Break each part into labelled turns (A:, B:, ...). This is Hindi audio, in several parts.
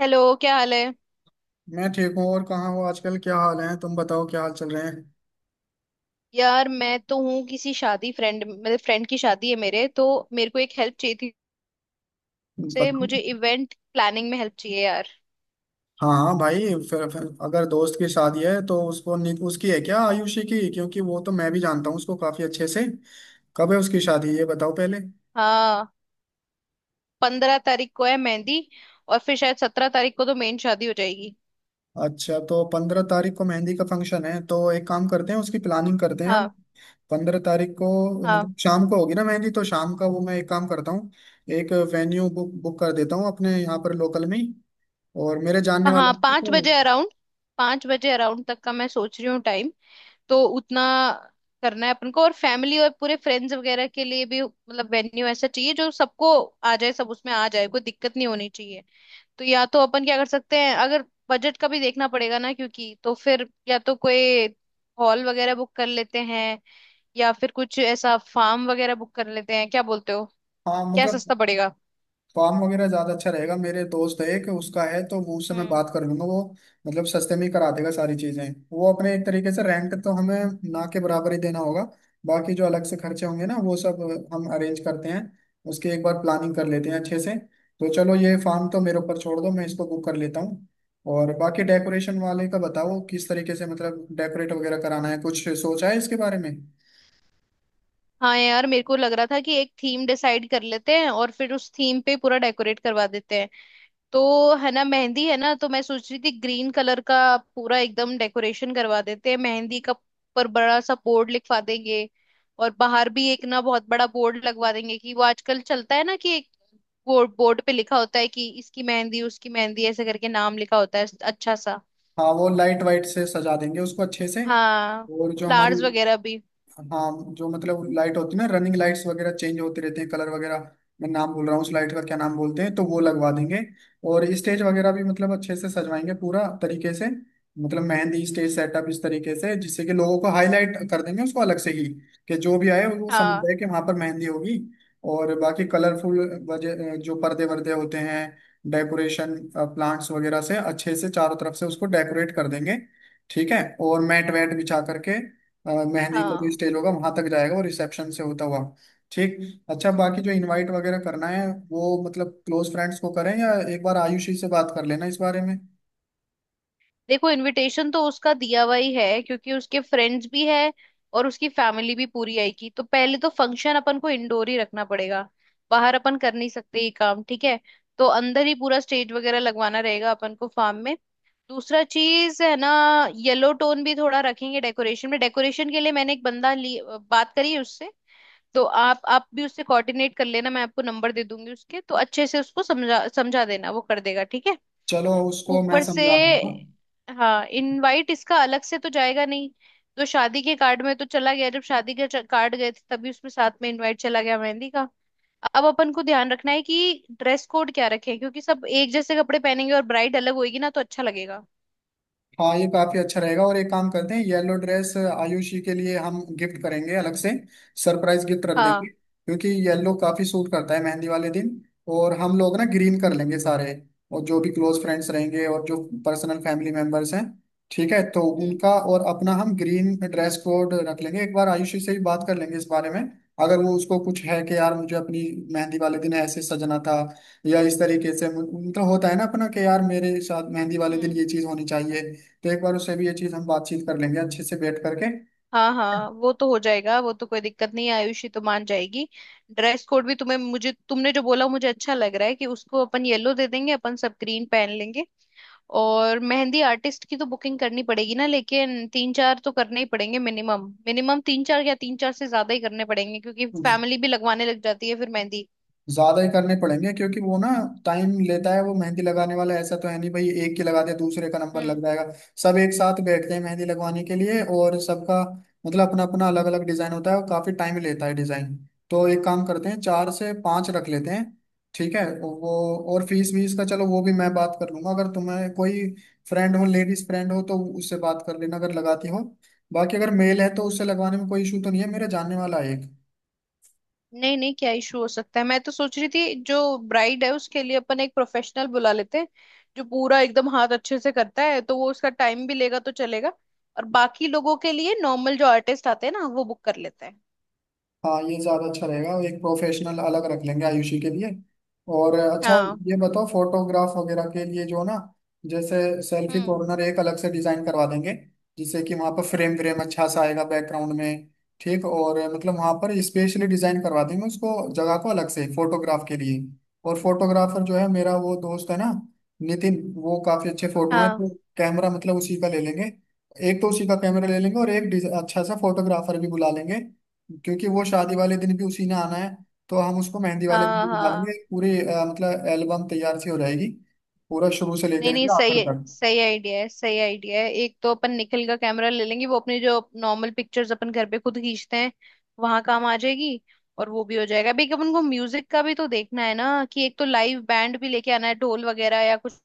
A: हेलो, क्या हाल है।
B: मैं ठीक हूँ। और कहाँ हो आजकल, क्या हाल है? तुम बताओ, क्या हाल चल रहे हैं?
A: यार, मैं तो हूँ किसी शादी, फ्रेंड मतलब फ्रेंड की शादी है मेरे तो। मेरे को एक हेल्प चाहिए थी। से
B: बताओ।
A: मुझे इवेंट प्लानिंग में हेल्प चाहिए यार।
B: हाँ हाँ भाई। फिर अगर दोस्त की शादी है तो उसको उसकी है क्या, आयुषी की? क्योंकि वो तो मैं भी जानता हूँ उसको, काफी अच्छे से। कब है उसकी शादी ये बताओ पहले।
A: हाँ, 15 तारीख को है मेहंदी। और फिर शायद 17 तारीख को तो मेन शादी हो जाएगी।
B: अच्छा तो 15 तारीख को मेहंदी का फंक्शन है, तो एक काम करते हैं, उसकी प्लानिंग करते हैं हम।
A: हाँ।
B: 15 तारीख को
A: हाँ।
B: मतलब शाम को होगी ना मेहंदी, तो शाम का वो मैं एक काम करता हूँ। एक वेन्यू बुक बुक कर देता हूँ अपने यहाँ पर लोकल में ही। और मेरे जानने वाला
A: हाँ,
B: है
A: 5 बजे
B: तो-
A: अराउंड, 5 बजे अराउंड तक का मैं सोच रही हूँ टाइम। तो उतना करना है अपन को, और फैमिली और पूरे फ्रेंड्स वगैरह के लिए भी, मतलब वेन्यू ऐसा चाहिए जो सबको आ जाए, सब उसमें आ जाए, कोई दिक्कत नहीं होनी। तो या तो अपन क्या कर सकते हैं, अगर बजट का भी देखना पड़ेगा ना क्योंकि, तो फिर या तो कोई हॉल वगैरह बुक कर लेते हैं, या फिर कुछ ऐसा फार्म वगैरह बुक कर लेते हैं, क्या बोलते हो।
B: हाँ
A: क्या
B: मतलब
A: सस्ता पड़ेगा।
B: फार्म वगैरह ज्यादा अच्छा रहेगा। मेरे दोस्त है एक, उसका है, तो वो उससे मैं
A: हम्म।
B: बात कर लूंगा। वो मतलब सस्ते में ही करा देगा सारी चीजें। वो अपने एक तरीके से, रेंट तो हमें ना के बराबर ही देना होगा। बाकी जो अलग से खर्चे होंगे ना, वो सब हम अरेंज करते हैं। उसकी एक बार प्लानिंग कर लेते हैं अच्छे से। तो चलो ये फार्म तो मेरे ऊपर छोड़ दो, मैं इसको बुक कर लेता हूँ। और बाकी डेकोरेशन वाले का बताओ, किस तरीके से मतलब डेकोरेट वगैरह कराना है? कुछ सोचा है इसके बारे में?
A: हाँ यार, मेरे को लग रहा था कि एक थीम डिसाइड कर लेते हैं और फिर उस थीम पे पूरा डेकोरेट करवा देते हैं। तो है ना, मेहंदी है ना, तो मैं सोच रही थी ग्रीन कलर का पूरा एकदम डेकोरेशन करवा देते हैं मेहंदी का। पर बड़ा सा बोर्ड लिखवा देंगे, और बाहर भी एक ना बहुत बड़ा बोर्ड लगवा देंगे, कि वो आजकल चलता है ना कि एक बोर्ड, बोर्ड पे लिखा होता है कि इसकी मेहंदी उसकी मेहंदी, ऐसे करके नाम लिखा होता है, अच्छा सा।
B: हाँ वो लाइट वाइट से सजा देंगे उसको अच्छे से।
A: हाँ।
B: और जो हमारी,
A: फ्लावर्स वगैरह भी।
B: हाँ जो मतलब लाइट होती है ना, रनिंग लाइट्स वगैरह, चेंज होते रहते हैं कलर वगैरह। मैं नाम भूल रहा हूँ उस लाइट का, क्या नाम बोलते हैं? तो वो लगवा देंगे। और स्टेज वगैरह भी मतलब अच्छे से सजवाएंगे पूरा तरीके से। मतलब मेहंदी स्टेज सेटअप इस तरीके से जिससे कि लोगों को हाईलाइट कर देंगे उसको अलग से ही, कि जो भी आए वो समझ
A: हाँ।
B: जाए कि वहां पर मेहंदी होगी। और बाकी कलरफुल वजह जो पर्दे वर्दे होते हैं, डेकोरेशन प्लांट्स वगैरह से अच्छे से चारों तरफ से उसको डेकोरेट कर देंगे। ठीक है और मैट वैट बिछा करके मेहंदी का जो
A: हाँ।
B: स्टेज होगा वहां तक जाएगा, और रिसेप्शन से होता हुआ। ठीक। अच्छा बाकी जो इनवाइट वगैरह करना है वो, मतलब क्लोज फ्रेंड्स को करें या एक बार आयुषी से बात कर लेना इस बारे में।
A: देखो, इनविटेशन तो उसका दिया हुआ ही है, क्योंकि उसके फ्रेंड्स भी है और उसकी फैमिली भी पूरी आएगी। तो पहले तो फंक्शन अपन को इंडोर ही रखना पड़ेगा, बाहर अपन कर नहीं सकते ये काम, ठीक है। तो अंदर ही पूरा स्टेज वगैरह लगवाना रहेगा अपन को फार्म में। दूसरा चीज है ना, येलो टोन भी थोड़ा रखेंगे डेकोरेशन में। डेकोरेशन के लिए मैंने एक बंदा ली बात करी है उससे, तो आप भी उससे कोऑर्डिनेट कर लेना, मैं आपको नंबर दे दूंगी उसके। तो अच्छे से उसको समझा समझा देना, वो कर देगा, ठीक है।
B: चलो उसको मैं
A: ऊपर से,
B: समझा दूंगा।
A: हाँ, इनवाइट इसका अलग से तो जाएगा नहीं, तो शादी के कार्ड में तो चला गया। जब शादी के कार्ड गए थे तभी उसमें साथ में इनवाइट चला गया मेहंदी का। अब अपन को ध्यान रखना है कि ड्रेस कोड क्या रखें, क्योंकि सब एक जैसे कपड़े पहनेंगे और ब्राइड अलग होएगी ना, तो अच्छा लगेगा।
B: हाँ ये काफी अच्छा रहेगा, और एक काम करते हैं येलो ड्रेस आयुषी के लिए हम गिफ्ट करेंगे अलग से। सरप्राइज गिफ्ट रख देंगे,
A: हाँ।
B: क्योंकि येलो काफी सूट करता है मेहंदी वाले दिन। और हम लोग ना ग्रीन कर लेंगे सारे। और जो भी क्लोज फ्रेंड्स रहेंगे, और जो पर्सनल फैमिली मेंबर्स हैं, ठीक है, तो
A: हम्म।
B: उनका और अपना हम ग्रीन ड्रेस कोड रख लेंगे। एक बार आयुषी से भी बात कर लेंगे इस बारे में। अगर वो, उसको कुछ है कि यार मुझे अपनी मेहंदी वाले दिन ऐसे सजना था, या इस तरीके से, मतलब होता है ना अपना कि यार मेरे साथ मेहंदी वाले दिन
A: हम्म।
B: ये चीज होनी चाहिए। तो एक बार उससे भी ये चीज हम बातचीत कर लेंगे अच्छे से बैठ करके।
A: हाँ हाँ, वो तो हो जाएगा, वो तो कोई दिक्कत नहीं है, आयुषी तो मान जाएगी। ड्रेस कोड भी तुम्हें मुझे तुमने जो बोला मुझे अच्छा लग रहा है कि उसको अपन येलो दे देंगे, अपन सब ग्रीन पहन लेंगे। और मेहंदी आर्टिस्ट की तो बुकिंग करनी पड़ेगी ना, लेकिन तीन चार तो करने ही पड़ेंगे मिनिमम। मिनिमम तीन चार, या तीन चार से ज्यादा ही करने पड़ेंगे, क्योंकि फैमिली भी लगवाने लग जाती है फिर मेहंदी।
B: ज्यादा ही करने पड़ेंगे क्योंकि वो ना टाइम लेता है। वो मेहंदी लगाने वाला ऐसा तो है नहीं भाई, एक की लगा दिया दूसरे का नंबर
A: हम्म।
B: लग जाएगा। सब एक साथ बैठते हैं मेहंदी लगवाने के लिए, और सबका मतलब अपना अपना अलग अलग डिजाइन होता है, और काफी टाइम लेता है डिजाइन। तो एक काम करते हैं 4 से 5 रख लेते हैं, ठीक है वो। और फीस वीस का चलो वो भी मैं बात कर लूंगा। अगर तुम्हें कोई फ्रेंड हो, लेडीज फ्रेंड हो, तो उससे बात कर लेना अगर लगाती हो। बाकी अगर मेल है तो उससे लगवाने में कोई इशू तो नहीं है, मेरा जानने वाला है एक।
A: नहीं नहीं, क्या इशू हो सकता है। मैं तो सोच रही थी जो ब्राइड है उसके लिए अपन एक प्रोफेशनल बुला लेते हैं, जो पूरा एकदम हाथ अच्छे से करता है, तो वो उसका टाइम भी लेगा तो चलेगा। और बाकी लोगों के लिए नॉर्मल जो आर्टिस्ट आते हैं ना, वो बुक कर लेते हैं।
B: हाँ ये ज्यादा अच्छा रहेगा, एक प्रोफेशनल अलग रख लेंगे आयुषी के लिए। और अच्छा
A: हाँ।
B: ये बताओ फोटोग्राफ वगैरह के लिए जो ना, जैसे सेल्फी
A: हम्म।
B: कॉर्नर एक अलग से डिजाइन करवा देंगे, जिससे कि वहाँ पर फ्रेम व्रेम अच्छा सा आएगा बैकग्राउंड में। ठीक, और मतलब वहाँ पर स्पेशली डिजाइन करवा देंगे उसको, जगह को अलग से फोटोग्राफ के लिए। और फोटोग्राफर जो है मेरा वो दोस्त है ना, नितिन, वो काफी अच्छे फोटो हैं
A: हाँ।
B: तो कैमरा मतलब उसी का ले लेंगे। एक तो उसी का कैमरा ले लेंगे, और एक अच्छा सा फोटोग्राफर भी बुला लेंगे, क्योंकि वो शादी वाले दिन भी उसी ने आना है। तो हम उसको मेहंदी वाले दिन
A: हाँ।
B: भी बना देंगे,
A: हाँ
B: एक पूरी मतलब एल्बम तैयार सी हो जाएगी पूरा शुरू से
A: नहीं
B: लेकर
A: नहीं,
B: के
A: सही
B: आखिर
A: है,
B: तक।
A: सही आइडिया है, सही आइडिया है। एक तो अपन निकल का कैमरा ले लेंगे, वो अपनी जो नॉर्मल पिक्चर्स अपन घर पे खुद खींचते हैं, वहां काम आ जाएगी। और वो भी हो जाएगा। अभी एक अपन को म्यूजिक का भी तो देखना है ना, कि एक तो लाइव बैंड भी लेके आना है, ढोल वगैरह या कुछ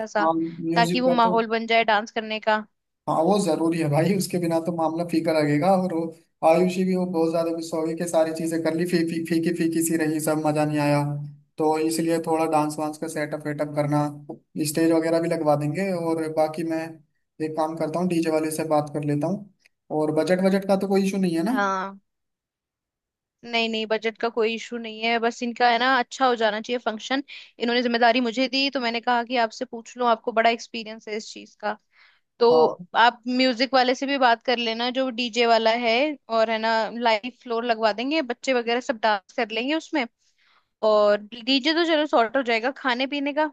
A: ऐसा,
B: हाँ म्यूजिक
A: ताकि वो
B: का तो,
A: माहौल बन जाए डांस करने का।
B: हाँ वो जरूरी है भाई, उसके बिना तो मामला फीका लगेगा। और वो आयुषी भी वो बहुत ज्यादा गुस्सा हो गई कि सारी चीजें कर ली, फी, फी, फीकी फीकी सी रही, सब मजा नहीं आया। तो इसलिए थोड़ा डांस वांस का सेटअप वेटअप करना, स्टेज वगैरह भी लगवा देंगे। और बाकी मैं एक काम करता हूँ, डीजे वाले से बात कर लेता हूँ। और बजट बजट का तो कोई इशू नहीं है ना?
A: हाँ, नहीं नहीं, बजट का कोई इशू नहीं है, बस इनका है ना, अच्छा हो जाना चाहिए फंक्शन। इन्होंने जिम्मेदारी मुझे दी, तो मैंने कहा कि आपसे पूछ लूं, आपको बड़ा एक्सपीरियंस है इस चीज का। तो
B: हाँ
A: आप म्यूजिक वाले से भी बात कर लेना, जो डीजे वाला है। और है ना, लाइव फ्लोर लगवा देंगे, बच्चे वगैरह सब डांस कर लेंगे उसमें। और डीजे तो चलो सॉर्ट हो जाएगा। खाने पीने का,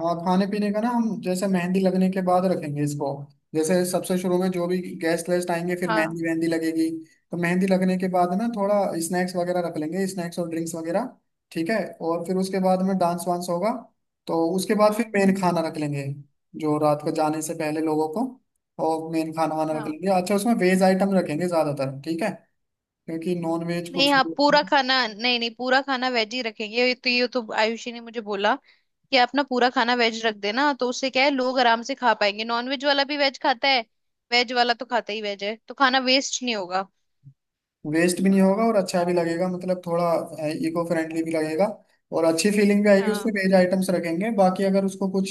B: हाँ। खाने पीने का ना हम जैसे मेहंदी लगने के बाद रखेंगे इसको। जैसे सबसे शुरू में जो भी गेस्ट वेस्ट आएंगे फिर
A: हाँ।
B: मेहंदी वेहंदी लगेगी। तो मेहंदी लगने के बाद ना थोड़ा स्नैक्स वगैरह रख लेंगे, स्नैक्स और ड्रिंक्स वगैरह, ठीक है। और फिर उसके बाद में डांस वांस होगा। तो उसके बाद फिर
A: हम्म।
B: मेन खाना रख लेंगे, जो रात को जाने से पहले लोगों को। और मेन खाना वाना रख
A: हाँ
B: लेंगे अच्छा, उसमें वेज आइटम रखेंगे ज़्यादातर, ठीक है? क्योंकि नॉन वेज
A: नहीं,
B: कुछ,
A: हाँ पूरा खाना, नहीं नहीं, पूरा खाना वेज ही रखेंगे। ये तो आयुषी ने मुझे बोला कि आप ना पूरा खाना वेज रख देना, तो उससे क्या है लोग आराम से खा पाएंगे, नॉन वेज वाला भी वेज खाता है, वेज वाला तो खाता ही वेज है, तो खाना वेस्ट नहीं होगा।
B: वेस्ट भी नहीं होगा और अच्छा भी लगेगा। मतलब थोड़ा इको फ्रेंडली भी लगेगा, और अच्छी फीलिंग भी आएगी उसमें
A: हाँ।
B: वेज आइटम्स रखेंगे। बाकी अगर उसको कुछ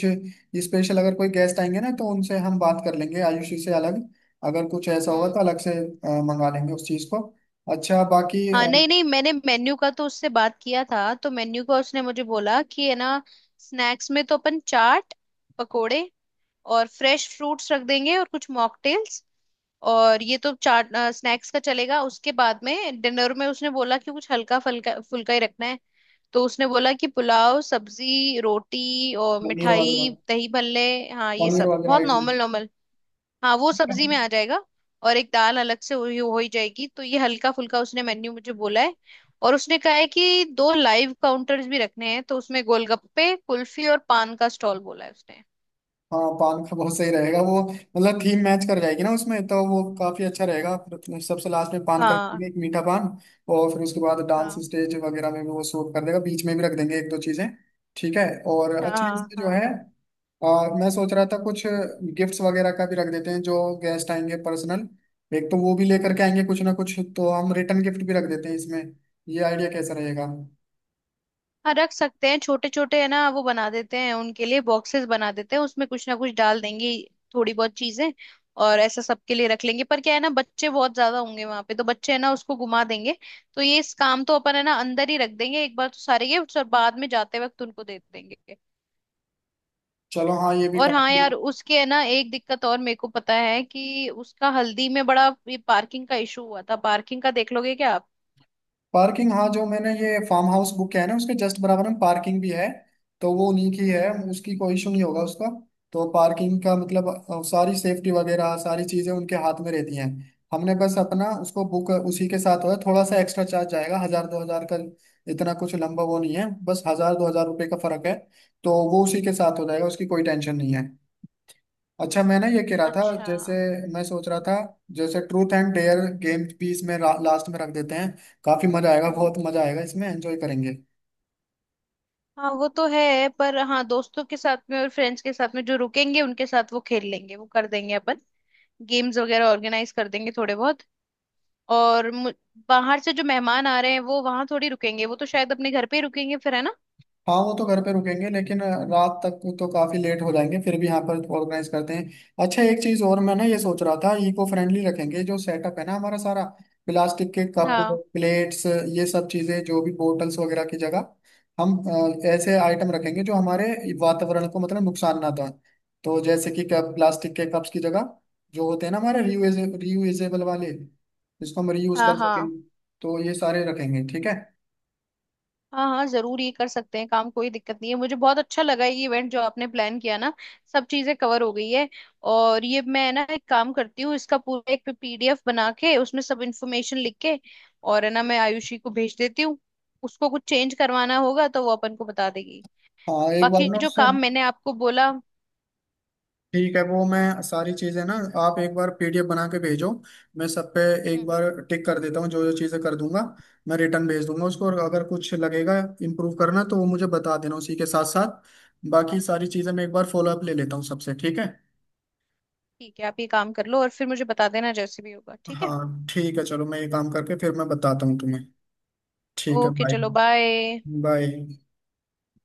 B: स्पेशल, अगर कोई गेस्ट आएंगे ना तो उनसे हम बात कर लेंगे, आयुषी से अलग। अगर कुछ ऐसा होगा
A: हम्म।
B: तो अलग से मंगा लेंगे उस चीज़ को। अच्छा बाकी
A: हाँ नहीं नहीं, मैंने मेन्यू का तो उससे बात किया था। तो मेन्यू का उसने मुझे बोला कि है ना, स्नैक्स में तो अपन चाट, पकोड़े और फ्रेश फ्रूट्स रख देंगे, और कुछ मॉकटेल्स। और ये तो चाट स्नैक्स का चलेगा। उसके बाद में डिनर में उसने बोला कि कुछ हल्का फुल्का फुल्का ही रखना है। तो उसने बोला कि पुलाव, सब्जी, रोटी और
B: पनीर
A: मिठाई,
B: वगैरह,
A: दही भल्ले। हाँ, ये
B: पनीर
A: सब
B: वगैरह
A: बहुत
B: आइटम।
A: Normal normal. हाँ, वो सब्जी में आ जाएगा, और एक दाल अलग से हुई हो ही जाएगी। तो ये हल्का फुल्का उसने मेन्यू मुझे बोला है। और उसने कहा है कि दो लाइव काउंटर्स भी रखने हैं, तो उसमें गोलगप्पे, कुल्फी और पान का स्टॉल बोला है उसने।
B: हाँ पान का बहुत सही रहेगा, वो मतलब थीम मैच कर जाएगी ना उसमें, तो वो काफी अच्छा रहेगा। फिर अपने सबसे लास्ट में पान
A: हाँ।
B: करेंगे एक मीठा पान। और फिर उसके बाद डांस
A: हाँ।
B: स्टेज वगैरह में भी वो शूट कर देगा, बीच में भी रख देंगे 1 दो चीजें, ठीक है? और अच्छे
A: हाँ।
B: इसमें जो है,
A: हाँ,
B: और मैं सोच रहा था कुछ गिफ्ट्स वगैरह का भी रख देते हैं, जो गेस्ट आएंगे पर्सनल, एक तो वो भी लेकर के आएंगे कुछ ना कुछ, तो हम रिटर्न गिफ्ट भी रख देते हैं इसमें। ये आइडिया कैसा रहेगा?
A: हाँ रख सकते हैं, छोटे छोटे है ना, वो बना देते हैं उनके लिए, बॉक्सेस बना देते हैं, उसमें कुछ ना कुछ डाल देंगे, थोड़ी बहुत चीजें। और ऐसा सबके लिए रख लेंगे, पर क्या है ना, बच्चे बहुत ज्यादा होंगे वहां पे, तो बच्चे है ना उसको घुमा देंगे। तो ये इस काम तो अपन है ना अंदर ही रख देंगे एक बार तो सारे गिफ्ट्स, और बाद में जाते वक्त उनको दे देंगे।
B: चलो हाँ ये भी
A: और हाँ
B: काफी,
A: यार, उसके है ना एक दिक्कत और, मेरे को पता है कि उसका हल्दी में बड़ा ये पार्किंग का इशू हुआ था, पार्किंग का देख लोगे क्या आप।
B: पार्किंग, हाँ जो मैंने ये फार्म हाउस बुक किया है ना उसके जस्ट बराबर में पार्किंग भी है। तो वो उन्हीं की है,
A: हम्म।
B: उसकी कोई इशू नहीं होगा उसका। तो पार्किंग का मतलब सारी सेफ्टी वगैरह सारी चीजें उनके हाथ में रहती हैं। हमने बस अपना उसको बुक उसी के साथ होगा, थोड़ा सा एक्स्ट्रा चार्ज जाएगा, 1000 दो हजार का। इतना कुछ लंबा वो नहीं है, बस 1000 दो हजार रुपये का फर्क है। तो वो उसी के साथ हो जाएगा, उसकी कोई टेंशन नहीं है। अच्छा मैंने ये कह रहा था
A: अच्छा।
B: जैसे, मैं सोच रहा था जैसे ट्रूथ एंड डेयर गेम भी इसमें लास्ट में रख देते हैं। काफी मजा आएगा,
A: हम्म।
B: बहुत मजा आएगा इसमें, एंजॉय करेंगे।
A: हाँ वो तो है, पर हाँ दोस्तों के साथ में और फ्रेंड्स के साथ में जो रुकेंगे उनके साथ वो खेल लेंगे, वो कर देंगे अपन, गेम्स वगैरह ऑर्गेनाइज कर देंगे थोड़े बहुत। और मु- बाहर से जो मेहमान आ रहे हैं वो वहां थोड़ी रुकेंगे, वो तो शायद अपने घर पे ही रुकेंगे फिर, है ना।
B: हाँ वो तो घर पे रुकेंगे, लेकिन रात तक तो काफी लेट हो जाएंगे फिर भी यहाँ पर ऑर्गेनाइज करते हैं। अच्छा एक चीज और मैं ना ये सोच रहा था, इको फ्रेंडली रखेंगे जो सेटअप है ना हमारा सारा। प्लास्टिक के कप,
A: हाँ।
B: प्लेट्स, ये सब चीजें, जो भी बोटल्स वगैरह की जगह हम ऐसे आइटम रखेंगे जो हमारे वातावरण को मतलब नुकसान ना था। तो जैसे कि कप, प्लास्टिक के कप्स की जगह, जो होते हैं ना हमारे रियूज, रियूजेबल वाले, जिसको हम रीयूज
A: हाँ।
B: कर सकें,
A: हाँ।
B: तो ये सारे रखेंगे ठीक है।
A: हाँ, हाँ जरूर, ये कर सकते हैं काम, कोई दिक्कत नहीं है। मुझे बहुत अच्छा लगा ये इवेंट जो आपने प्लान किया ना, सब चीजें कवर हो गई है। और ये मैं ना एक काम करती हूँ, इसका पूरा एक पीडीएफ बना के, उसमें सब इन्फॉर्मेशन लिख के, और है ना, मैं आयुषी को भेज देती हूँ। उसको कुछ चेंज करवाना होगा तो वो अपन को बता देगी।
B: हाँ एक बार
A: बाकी
B: ना
A: जो
B: उससे,
A: काम मैंने आपको बोला।
B: ठीक है वो मैं सारी चीजें ना, आप एक बार पीडीएफ बना के भेजो, मैं सब पे एक
A: हम्म।
B: बार टिक कर देता हूँ, जो जो चीजें कर दूंगा मैं रिटर्न भेज दूंगा उसको। और अगर कुछ लगेगा इम्प्रूव करना तो वो मुझे बता देना उसी के साथ साथ। बाकी सारी चीजें मैं एक बार फॉलो अप ले लेता हूँ सबसे, ठीक है।
A: ठीक है, आप ये काम कर लो और फिर मुझे बता देना जैसे भी होगा, ठीक है।
B: हाँ ठीक है, चलो मैं ये काम करके फिर मैं बताता हूँ तुम्हें। ठीक है
A: ओके,
B: बाय।
A: चलो बाय।
B: बाय।